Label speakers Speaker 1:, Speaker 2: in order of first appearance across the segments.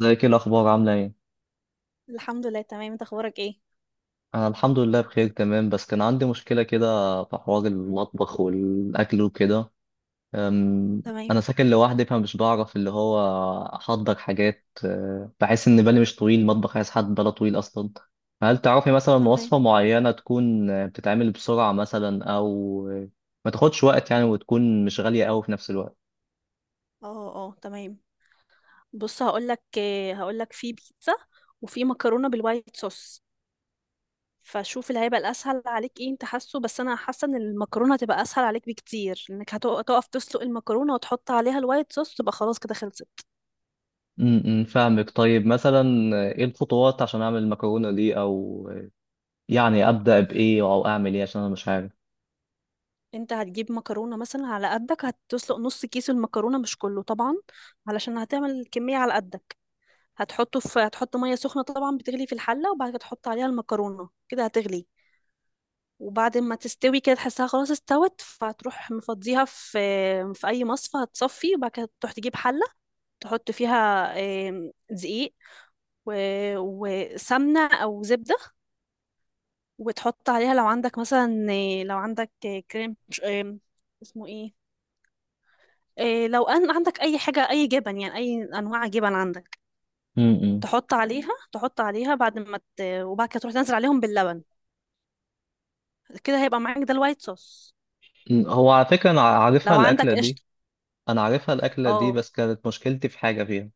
Speaker 1: ازيك؟ ايه الاخبار؟ عامله ايه؟
Speaker 2: الحمد لله، تمام. انت اخبارك ايه؟
Speaker 1: انا الحمد لله بخير تمام، بس كان عندي مشكله كده في حوار المطبخ والاكل وكده. أم،
Speaker 2: تمام.
Speaker 1: انا ساكن لوحدي فمش بعرف اللي هو احضر حاجات، بحس ان بالي مش طويل، المطبخ عايز حد باله طويل اصلا. هل تعرفي مثلا
Speaker 2: تمام.
Speaker 1: وصفه معينه تكون بتتعمل بسرعه مثلا، او أه، ما تاخدش وقت يعني، وتكون مش غاليه قوي في نفس الوقت؟
Speaker 2: اه، اه، تمام. بص، هقول لك في بيتزا، وفي مكرونه بالوايت صوص. فشوف اللي هيبقى الاسهل عليك ايه، انت حاسه، بس انا حاسه ان المكرونه هتبقى اسهل عليك بكتير، انك هتقف تسلق المكرونه وتحط عليها الوايت صوص، تبقى خلاص كده خلصت.
Speaker 1: امم، فاهمك. طيب مثلا ايه الخطوات عشان اعمل المكرونه دي؟ او يعني ابدا بايه او اعمل ايه؟ عشان انا مش عارف.
Speaker 2: انت هتجيب مكرونه مثلا على قدك، هتسلق نص كيس المكرونه مش كله طبعا، علشان هتعمل كميه على قدك. هتحط ميه سخنه طبعا بتغلي في الحله، وبعد كده تحط عليها المكرونه، كده هتغلي. وبعد ما تستوي كده تحسها خلاص استوت، فهتروح مفضيها في اي مصفى، هتصفي، وبعد كده تروح تجيب حله تحط فيها دقيق، وسمنه او زبده. وتحط عليها لو عندك مثلا، آه، لو عندك آه، كريم مش- آم، اسمه ايه؟ لو ان عندك اي حاجه، اي جبن يعني، اي انواع جبن عندك،
Speaker 1: امم.
Speaker 2: تحط عليها بعد ما ت... وبعد كده تروح تنزل عليهم باللبن. كده هيبقى معاك ده الوايت صوص،
Speaker 1: هو على فكره انا عارفها
Speaker 2: لو
Speaker 1: الاكله
Speaker 2: عندك
Speaker 1: دي،
Speaker 2: قشطه.
Speaker 1: انا عارفها الاكله دي
Speaker 2: اه.
Speaker 1: بس كانت مشكلتي في حاجه فيها.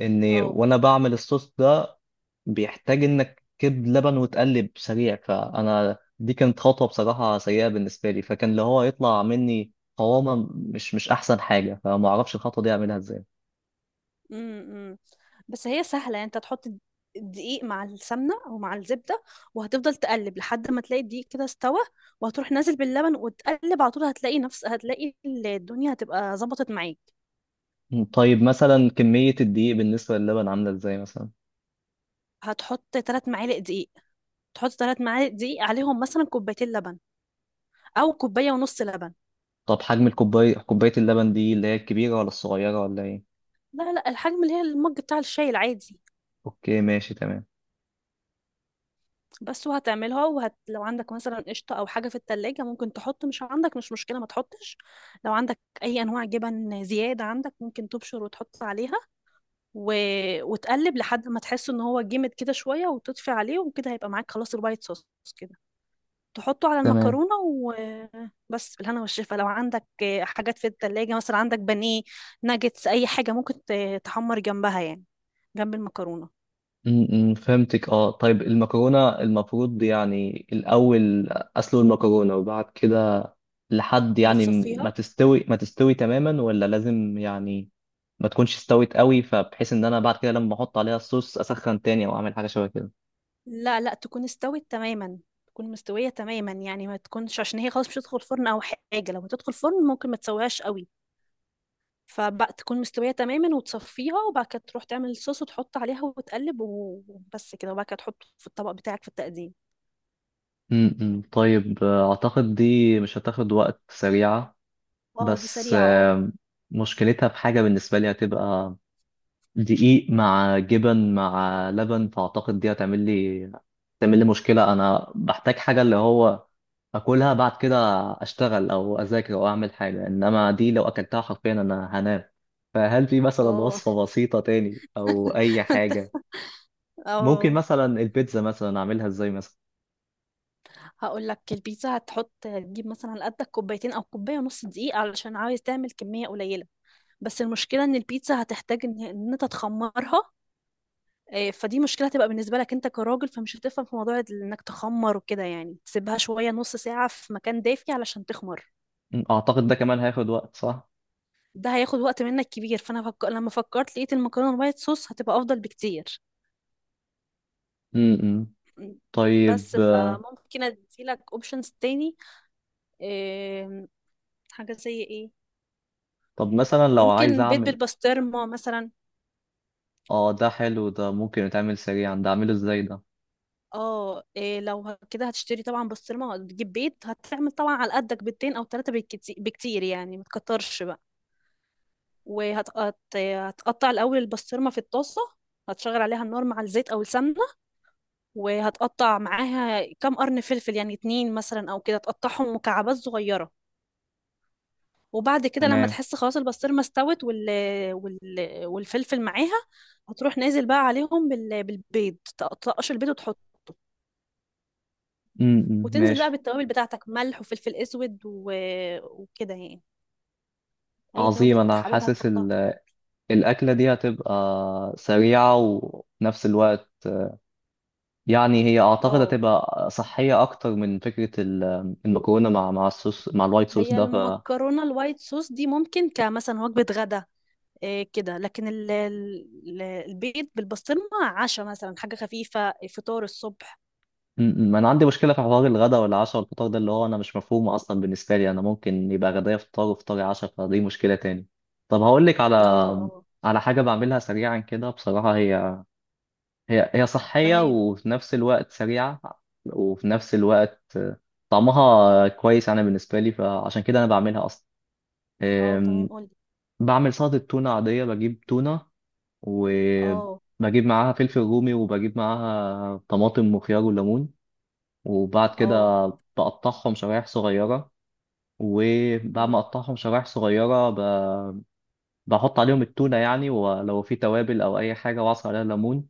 Speaker 1: ان
Speaker 2: اه.
Speaker 1: وانا بعمل الصوص ده بيحتاج انك تكب لبن وتقلب سريع، فانا دي كانت خطوه بصراحه سيئه بالنسبه لي، فكان اللي هو يطلع مني قوامه مش احسن حاجه، فما اعرفش الخطوه دي اعملها ازاي.
Speaker 2: امم. امم. بس هي سهلة يعني، انت تحط الدقيق مع السمنة او مع الزبدة، وهتفضل تقلب لحد ما تلاقي الدقيق كده استوى، وهتروح نازل باللبن وتقلب على طول، هتلاقي نفس هتلاقي الدنيا هتبقى ظبطت معاك.
Speaker 1: مم. طيب مثلا كميه الدقيق بالنسبه للبن عامله ازاي مثلا؟
Speaker 2: هتحط ثلاث معالق دقيق تحط 3 معالق دقيق عليهم مثلا كوبايتين لبن، او كوباية ونص لبن.
Speaker 1: طب حجم الكوبايه، كوبايه اللبن دي اللي هي الكبيره ولا الصغيره ولا ايه؟
Speaker 2: لا، لا، الحجم اللي هي المج بتاع الشاي العادي،
Speaker 1: اوكي، ماشي، تمام.
Speaker 2: بس. لو عندك مثلا قشطة أو حاجة في التلاجة ممكن تحط، مش عندك مش مشكلة، ما تحطش. لو عندك أي أنواع جبن زيادة عندك ممكن تبشر وتحط عليها، و... وتقلب لحد ما تحس إن هو جمد كده شوية، وتطفي عليه، وكده هيبقى معاك خلاص الوايت صوص كده. تحطه على
Speaker 1: تمام.
Speaker 2: المكرونة وبس، بالهنا والشفا. لو عندك حاجات في التلاجة مثلا، عندك بانيه، ناجتس، أي حاجة ممكن تحمر جنبها يعني، جنب المكرونة.
Speaker 1: م- م، فهمتك. اه، طيب المكرونه المفروض يعني الاول اسلق المكرونه وبعد كده لحد يعني ما
Speaker 2: بتصفيها.
Speaker 1: تستوي ما تستوي تماما، ولا لازم يعني ما تكونش استوت قوي فبحيث ان انا بعد كده لما احط عليها الصوص اسخن تاني او اعمل حاجه شبه كده؟
Speaker 2: لا، لا، تكون استوت تماما. تكون مستوية تماما يعني، ما تكونش، عشان هي خلاص مش هتدخل فرن او حاجة. لو هتدخل فرن ممكن ما تسويهاش قوي، فبقى تكون مستوية تماما وتصفيها، وبعد كده تروح تعمل الصوص وتحط عليها وتقلب وبس كده، وبعد كده تحطه في الطبق بتاعك في التقديم.
Speaker 1: م- م، طيب اعتقد دي مش هتاخد وقت، سريعه.
Speaker 2: اه، دي
Speaker 1: بس
Speaker 2: سريعة، اه.
Speaker 1: مشكلتها في حاجه، بالنسبه لي هتبقى دقيق مع جبن مع لبن، فأعتقد دي هتعمل لي تعمل لي مشكلة. أنا بحتاج حاجة اللي هو أكلها بعد كده أشتغل أو أذاكر أو أعمل حاجة، إنما دي لو أكلتها حرفيا أنا هنام. فهل في مثلا
Speaker 2: اه
Speaker 1: وصفة بسيطة تاني أو أي
Speaker 2: انت.
Speaker 1: حاجة؟ ممكن
Speaker 2: اه،
Speaker 1: مثلا البيتزا مثلا أعملها إزاي مثلا؟
Speaker 2: هقول لك. البيتزا هتحط تجيب مثلا قدك كوبايتين او كوبايه ونص دقيق، علشان عايز تعمل كميه قليله. بس المشكله ان البيتزا هتحتاج إن انت تخمرها. إيه، فدي مشكله هتبقى بالنسبه لك انت كراجل، فمش هتفهم في موضوع انك تخمر وكده، يعني تسيبها شويه، نص ساعه في مكان دافي علشان تخمر.
Speaker 1: م، أعتقد ده كمان هياخد وقت، صح؟
Speaker 2: ده هياخد وقت منك كبير، فانا لما فكرت لقيت المكرونه الوايت صوص هتبقى افضل بكتير.
Speaker 1: امم. طيب
Speaker 2: بس، فممكن اديلك اوبشنز تاني. إيه، حاجه زي ايه؟
Speaker 1: طب مثلا لو عايز
Speaker 2: ممكن بيض
Speaker 1: أعمل،
Speaker 2: بالبسطرمه مثلا.
Speaker 1: آه ده حلو ده، ممكن يتعمل سريعا ده؟ أعمله إزاي ده؟
Speaker 2: اه، إيه، لو كده هتشتري طبعا بسطرمه، تجيب بيض، هتعمل طبعا على قدك بيضتين او ثلاثه بالكتير بكتير، يعني ما تكترش بقى. وهتقطع الأول البسطرمة في الطاسة، هتشغل عليها النار مع الزيت أو السمنة، وهتقطع معاها كام قرن فلفل يعني اتنين مثلا أو كده، تقطعهم مكعبات صغيرة. وبعد كده لما
Speaker 1: تمام.
Speaker 2: تحس خلاص البسطرمة استوت وال... والفلفل معاها، هتروح نازل بقى عليهم بالبيض، تقطقش البيض وتحطه.
Speaker 1: امم،
Speaker 2: وتنزل بقى
Speaker 1: ماشي.
Speaker 2: بالتوابل بتاعتك، ملح وفلفل اسود وكده يعني، اي
Speaker 1: عظيم.
Speaker 2: توابل انت
Speaker 1: أنا
Speaker 2: حاببها
Speaker 1: حاسس
Speaker 2: تحطها في الاكل.
Speaker 1: الأكلة دي هتبقى سريعة وفي الوقت يعني، هي أعتقد
Speaker 2: اه،
Speaker 1: هتبقى صحية أكتر من فكرة المكرونة مع الصوص مع الوايت صوص
Speaker 2: هي
Speaker 1: ده، ف
Speaker 2: المكرونه الوايت صوص دي ممكن كمثلا وجبه غدا، إيه كده. لكن البيض بالبسطرمة عشاء مثلا، حاجة خفيفة، فطار الصبح.
Speaker 1: م. أنا عندي مشكلة في حوار الغداء والعشاء والفطار ده، اللي هو أنا مش مفهوم أصلا بالنسبة لي، أنا ممكن يبقى غدايا فطار وفطاري عشاء، فدي مشكلة تاني. طب هقول لك على،
Speaker 2: اه، اه،
Speaker 1: على حاجة بعملها سريعا كده بصراحة. هي صحية
Speaker 2: تمام.
Speaker 1: وفي نفس الوقت سريعة وفي نفس الوقت طعمها كويس أنا بالنسبة لي، فعشان كده أنا بعملها أصلا.
Speaker 2: اه، تمام،
Speaker 1: أم،
Speaker 2: قولي.
Speaker 1: بعمل سلطة تونة عادية. بجيب تونة
Speaker 2: اه،
Speaker 1: وبجيب معاها فلفل رومي وبجيب معاها طماطم وخيار وليمون، وبعد
Speaker 2: اه،
Speaker 1: كده بقطعهم شرايح صغيرة، وبعد ما
Speaker 2: مم.
Speaker 1: أقطعهم شرايح صغيرة بحط عليهم التونة يعني، ولو في توابل أو أي حاجة وأعصر عليها ليمون.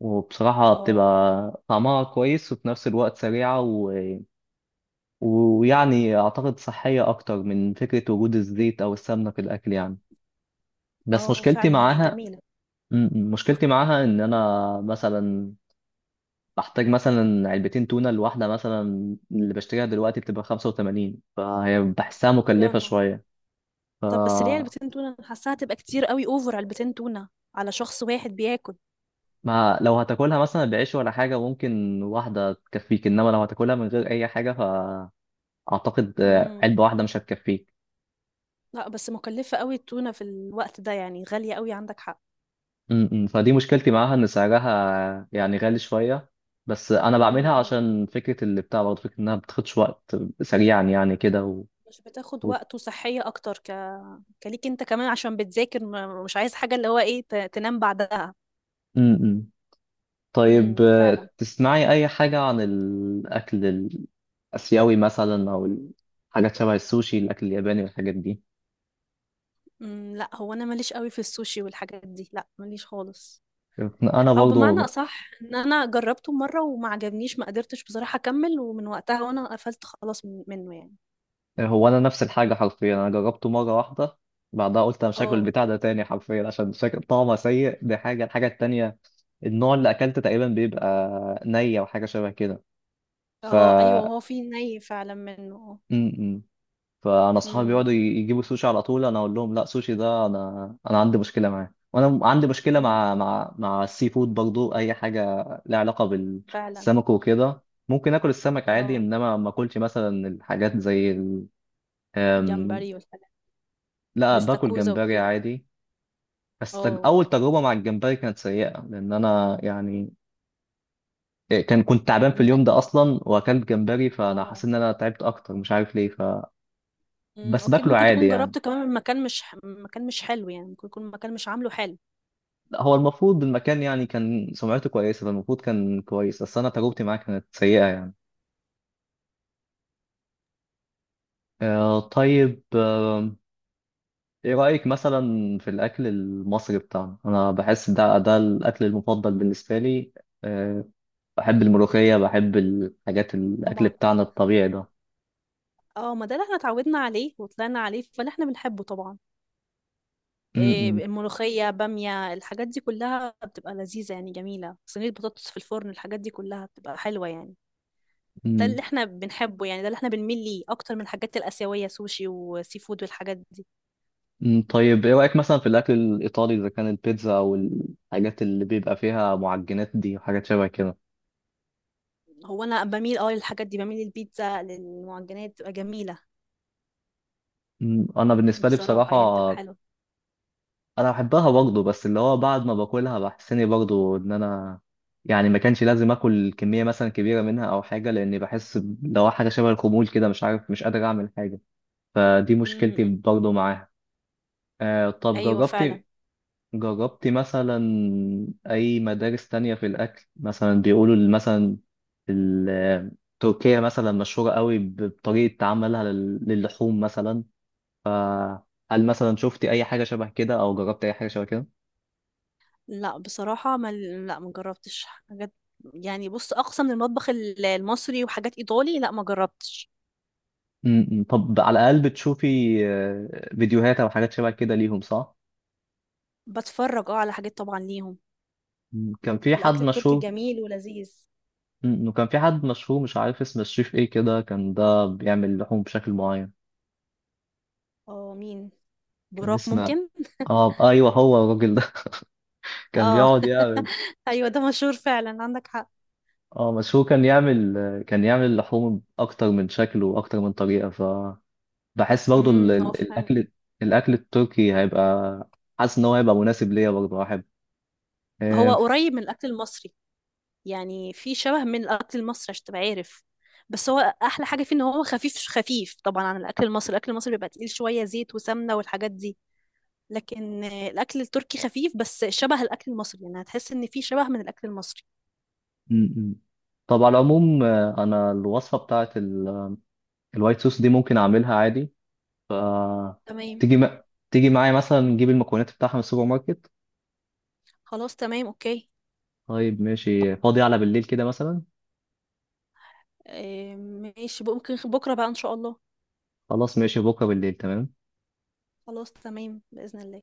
Speaker 1: وبصراحة
Speaker 2: اه،
Speaker 1: بتبقى طعمها كويس وفي نفس الوقت سريعة و... ويعني أعتقد صحية أكتر من فكرة وجود الزيت أو السمنة في الأكل يعني. بس
Speaker 2: اه،
Speaker 1: مشكلتي
Speaker 2: فعلا، هي
Speaker 1: معاها،
Speaker 2: جميلة.
Speaker 1: مشكلتي معاها إن أنا مثلا بحتاج مثلا علبتين تونة، الواحدة مثلا اللي بشتريها دلوقتي بتبقى 85، فهي بحسها
Speaker 2: يا
Speaker 1: مكلفة
Speaker 2: نهار!
Speaker 1: شوية. ف
Speaker 2: طب بس ليه علبتين تونة؟ أنا حاساها هتبقى كتير قوي، اوفر علبتين تونة على شخص واحد بياكل.
Speaker 1: ما لو هتاكلها مثلا بعيش ولا حاجة ممكن واحدة تكفيك، إنما لو هتاكلها من غير أي حاجة فأعتقد
Speaker 2: امم.
Speaker 1: علبة واحدة مش هتكفيك.
Speaker 2: لا، بس مكلفة قوي التونة في الوقت ده يعني، غالية قوي، عندك حق.
Speaker 1: م. فدي مشكلتي معاها ان سعرها يعني غالي شويه، بس انا بعملها
Speaker 2: امم.
Speaker 1: عشان فكره اللي بتاع برضه فكره انها بتاخدش وقت، سريعا يعني كده و...
Speaker 2: مش بتاخد
Speaker 1: و...
Speaker 2: وقت وصحية أكتر، كليك أنت كمان عشان بتذاكر، مش عايز حاجة اللي هو تنام بعدها.
Speaker 1: م- م. طيب
Speaker 2: امم، فعلا.
Speaker 1: تسمعي اي حاجه عن الاكل الاسيوي مثلا، او الحاجات شبه السوشي، الاكل الياباني والحاجات دي؟
Speaker 2: امم. لا، هو أنا ماليش قوي في السوشي والحاجات دي، لا ماليش خالص.
Speaker 1: انا
Speaker 2: أو بمعنى
Speaker 1: برضه،
Speaker 2: أصح إن أنا جربته مرة وما عجبنيش، ما قدرتش بصراحة أكمل، ومن وقتها وأنا قفلت خلاص منه يعني.
Speaker 1: هو انا نفس الحاجه حرفيا، انا جربته مره واحده بعدها قلت انا مش هاكل
Speaker 2: اه،
Speaker 1: البتاع ده تاني حرفيا عشان شكل طعمه سيء. دي حاجه. الحاجه التانيه، النوع اللي اكلته تقريبا بيبقى نية وحاجه شبه كده. ف
Speaker 2: اه، أيوه، هو في ني فعلا منه.
Speaker 1: م. فانا اصحابي
Speaker 2: امم،
Speaker 1: بيقعدوا يجيبوا سوشي على طول، انا اقول لهم لا، سوشي ده انا، انا عندي مشكله معاه. وانا عندي مشكله مع
Speaker 2: امم،
Speaker 1: مع مع السي فود برضو، اي حاجه لها علاقه
Speaker 2: فعلا.
Speaker 1: بالسمك وكده. ممكن اكل السمك عادي،
Speaker 2: اه،
Speaker 1: انما ما اكلش مثلا الحاجات زي ال... أم،
Speaker 2: جمبري والحاجات،
Speaker 1: لا، باكل
Speaker 2: والاستاكوزا
Speaker 1: جمبري
Speaker 2: وكده.
Speaker 1: عادي. بس
Speaker 2: اه،
Speaker 1: اول تجربه مع الجمبري كانت سيئه، لان انا يعني كان، كنت تعبان في
Speaker 2: أمم، أ-
Speaker 1: اليوم ده اصلا واكلت جمبري، فانا
Speaker 2: اه،
Speaker 1: حاسس ان انا تعبت اكتر، مش عارف ليه. ف بس
Speaker 2: اكيد
Speaker 1: باكله
Speaker 2: ممكن
Speaker 1: عادي
Speaker 2: تكون
Speaker 1: يعني.
Speaker 2: جربت كمان من مكان، مش مكان مش حلو يعني، ممكن يكون مكان مش عامله حلو.
Speaker 1: لا، هو المفروض المكان يعني كان سمعته كويسه فالمفروض كان كويس، بس انا تجربتي معاه كانت سيئه يعني. آه، طيب آه، ايه رايك مثلا في الاكل المصري بتاعنا؟ انا بحس ده الاكل المفضل بالنسبه لي. آه، بحب الملوخيه، بحب الحاجات، الاكل
Speaker 2: طبعا.
Speaker 1: بتاعنا الطبيعي ده.
Speaker 2: اه، ما ده اللي احنا اتعودنا عليه وطلعنا عليه، فاللي احنا بنحبه طبعا.
Speaker 1: م-
Speaker 2: إيه،
Speaker 1: م-
Speaker 2: الملوخية، بامية، الحاجات دي كلها بتبقى لذيذة يعني جميلة، صينية بطاطس في الفرن، الحاجات دي كلها بتبقى حلوة يعني. ده
Speaker 1: م.
Speaker 2: اللي احنا بنحبه، يعني ده اللي احنا بنميل ليه اكتر من الحاجات الآسيوية، سوشي وسي فود والحاجات دي.
Speaker 1: مم، طيب ايه رأيك مثلا في الأكل الإيطالي، إذا كان البيتزا أو الحاجات اللي بيبقى فيها معجنات دي وحاجات شبه كده؟
Speaker 2: هو انا بميل للحاجات دي، بميل للبيتزا، للمعجنات، بتبقى جميلة،
Speaker 1: مم، أنا بالنسبة لي
Speaker 2: بصراحة
Speaker 1: بصراحة
Speaker 2: يعني بتبقى حلوة.
Speaker 1: أنا بحبها برضه، بس اللي هو بعد ما باكلها بحس إني برضه إن أنا يعني ما كانش لازم آكل كمية مثلا كبيرة منها أو حاجة، لأني بحس لو حاجة شبه الخمول كده، مش عارف، مش قادر أعمل حاجة. فدي مشكلتي
Speaker 2: امم.
Speaker 1: برضه معاها. آه، طب
Speaker 2: ايوه، فعلا.
Speaker 1: جربت، جربتي مثلا أي مدارس تانية في الأكل مثلا؟ بيقولوا مثلا ال- تركيا مثلا مشهورة قوي بطريقة عملها للحوم مثلا. هل مثلا شفتي أي حاجة شبه كده أو جربتي أي حاجة شبه كده؟
Speaker 2: لا بصراحة، ما لا، ما جربتش حاجات يعني. بص، أقصى من المطبخ المصري، وحاجات إيطالي. لا، ما جربتش.
Speaker 1: م. طب على الأقل بتشوفي فيديوهات أو حاجات شبه كده ليهم، صح؟
Speaker 2: بتفرج على حاجات طبعا ليهم.
Speaker 1: م. كان في حد
Speaker 2: الأكل التركي
Speaker 1: مشهور،
Speaker 2: جميل ولذيذ.
Speaker 1: وكان في حد مشهور مش عارف اسم الشيف إيه كده، كان ده بيعمل لحوم بشكل معين.
Speaker 2: اه، مين؟
Speaker 1: كان
Speaker 2: براك
Speaker 1: اسمه،
Speaker 2: ممكن.
Speaker 1: اه ايوه هو الراجل ده كان
Speaker 2: اه
Speaker 1: بيقعد يعمل.
Speaker 2: أيوة، ده مشهور فعلا، عندك حق.
Speaker 1: اه، بس هو كان يعمل، كان يعمل اللحوم اكتر من شكل واكتر من طريقه. فبحس برضو
Speaker 2: امم، هو فعلا.
Speaker 1: الاكل التركي هيبقى، حاسس ان هو هيبقى مناسب ليا برضو، احب
Speaker 2: هو
Speaker 1: آه،
Speaker 2: قريب من الأكل المصري، يعني في شبه من الأكل المصري عشان تبقى عارف. بس هو أحلى حاجة فيه، إن هو خفيف، خفيف طبعا عن الأكل المصري، الأكل المصري بيبقى تقيل شوية، زيت وسمنة والحاجات دي. لكن الاكل التركي خفيف، بس شبه الاكل المصري، يعني هتحس ان في شبه من الاكل المصري.
Speaker 1: م- م. طب على العموم انا الوصفه بتاعت الوايت صوص دي ممكن اعملها عادي. ف
Speaker 2: تمام.
Speaker 1: تيجي م... تيجي معايا مثلا نجيب المكونات بتاعها من السوبر ماركت؟
Speaker 2: خلاص، تمام، اوكي.
Speaker 1: طيب ماشي، فاضي على بالليل كده مثلا؟
Speaker 2: آه، ماشي، ممكن بكره بقى ان شاء الله.
Speaker 1: خلاص ماشي، بكره بالليل تمام.
Speaker 2: خلاص، تمام، باذن الله.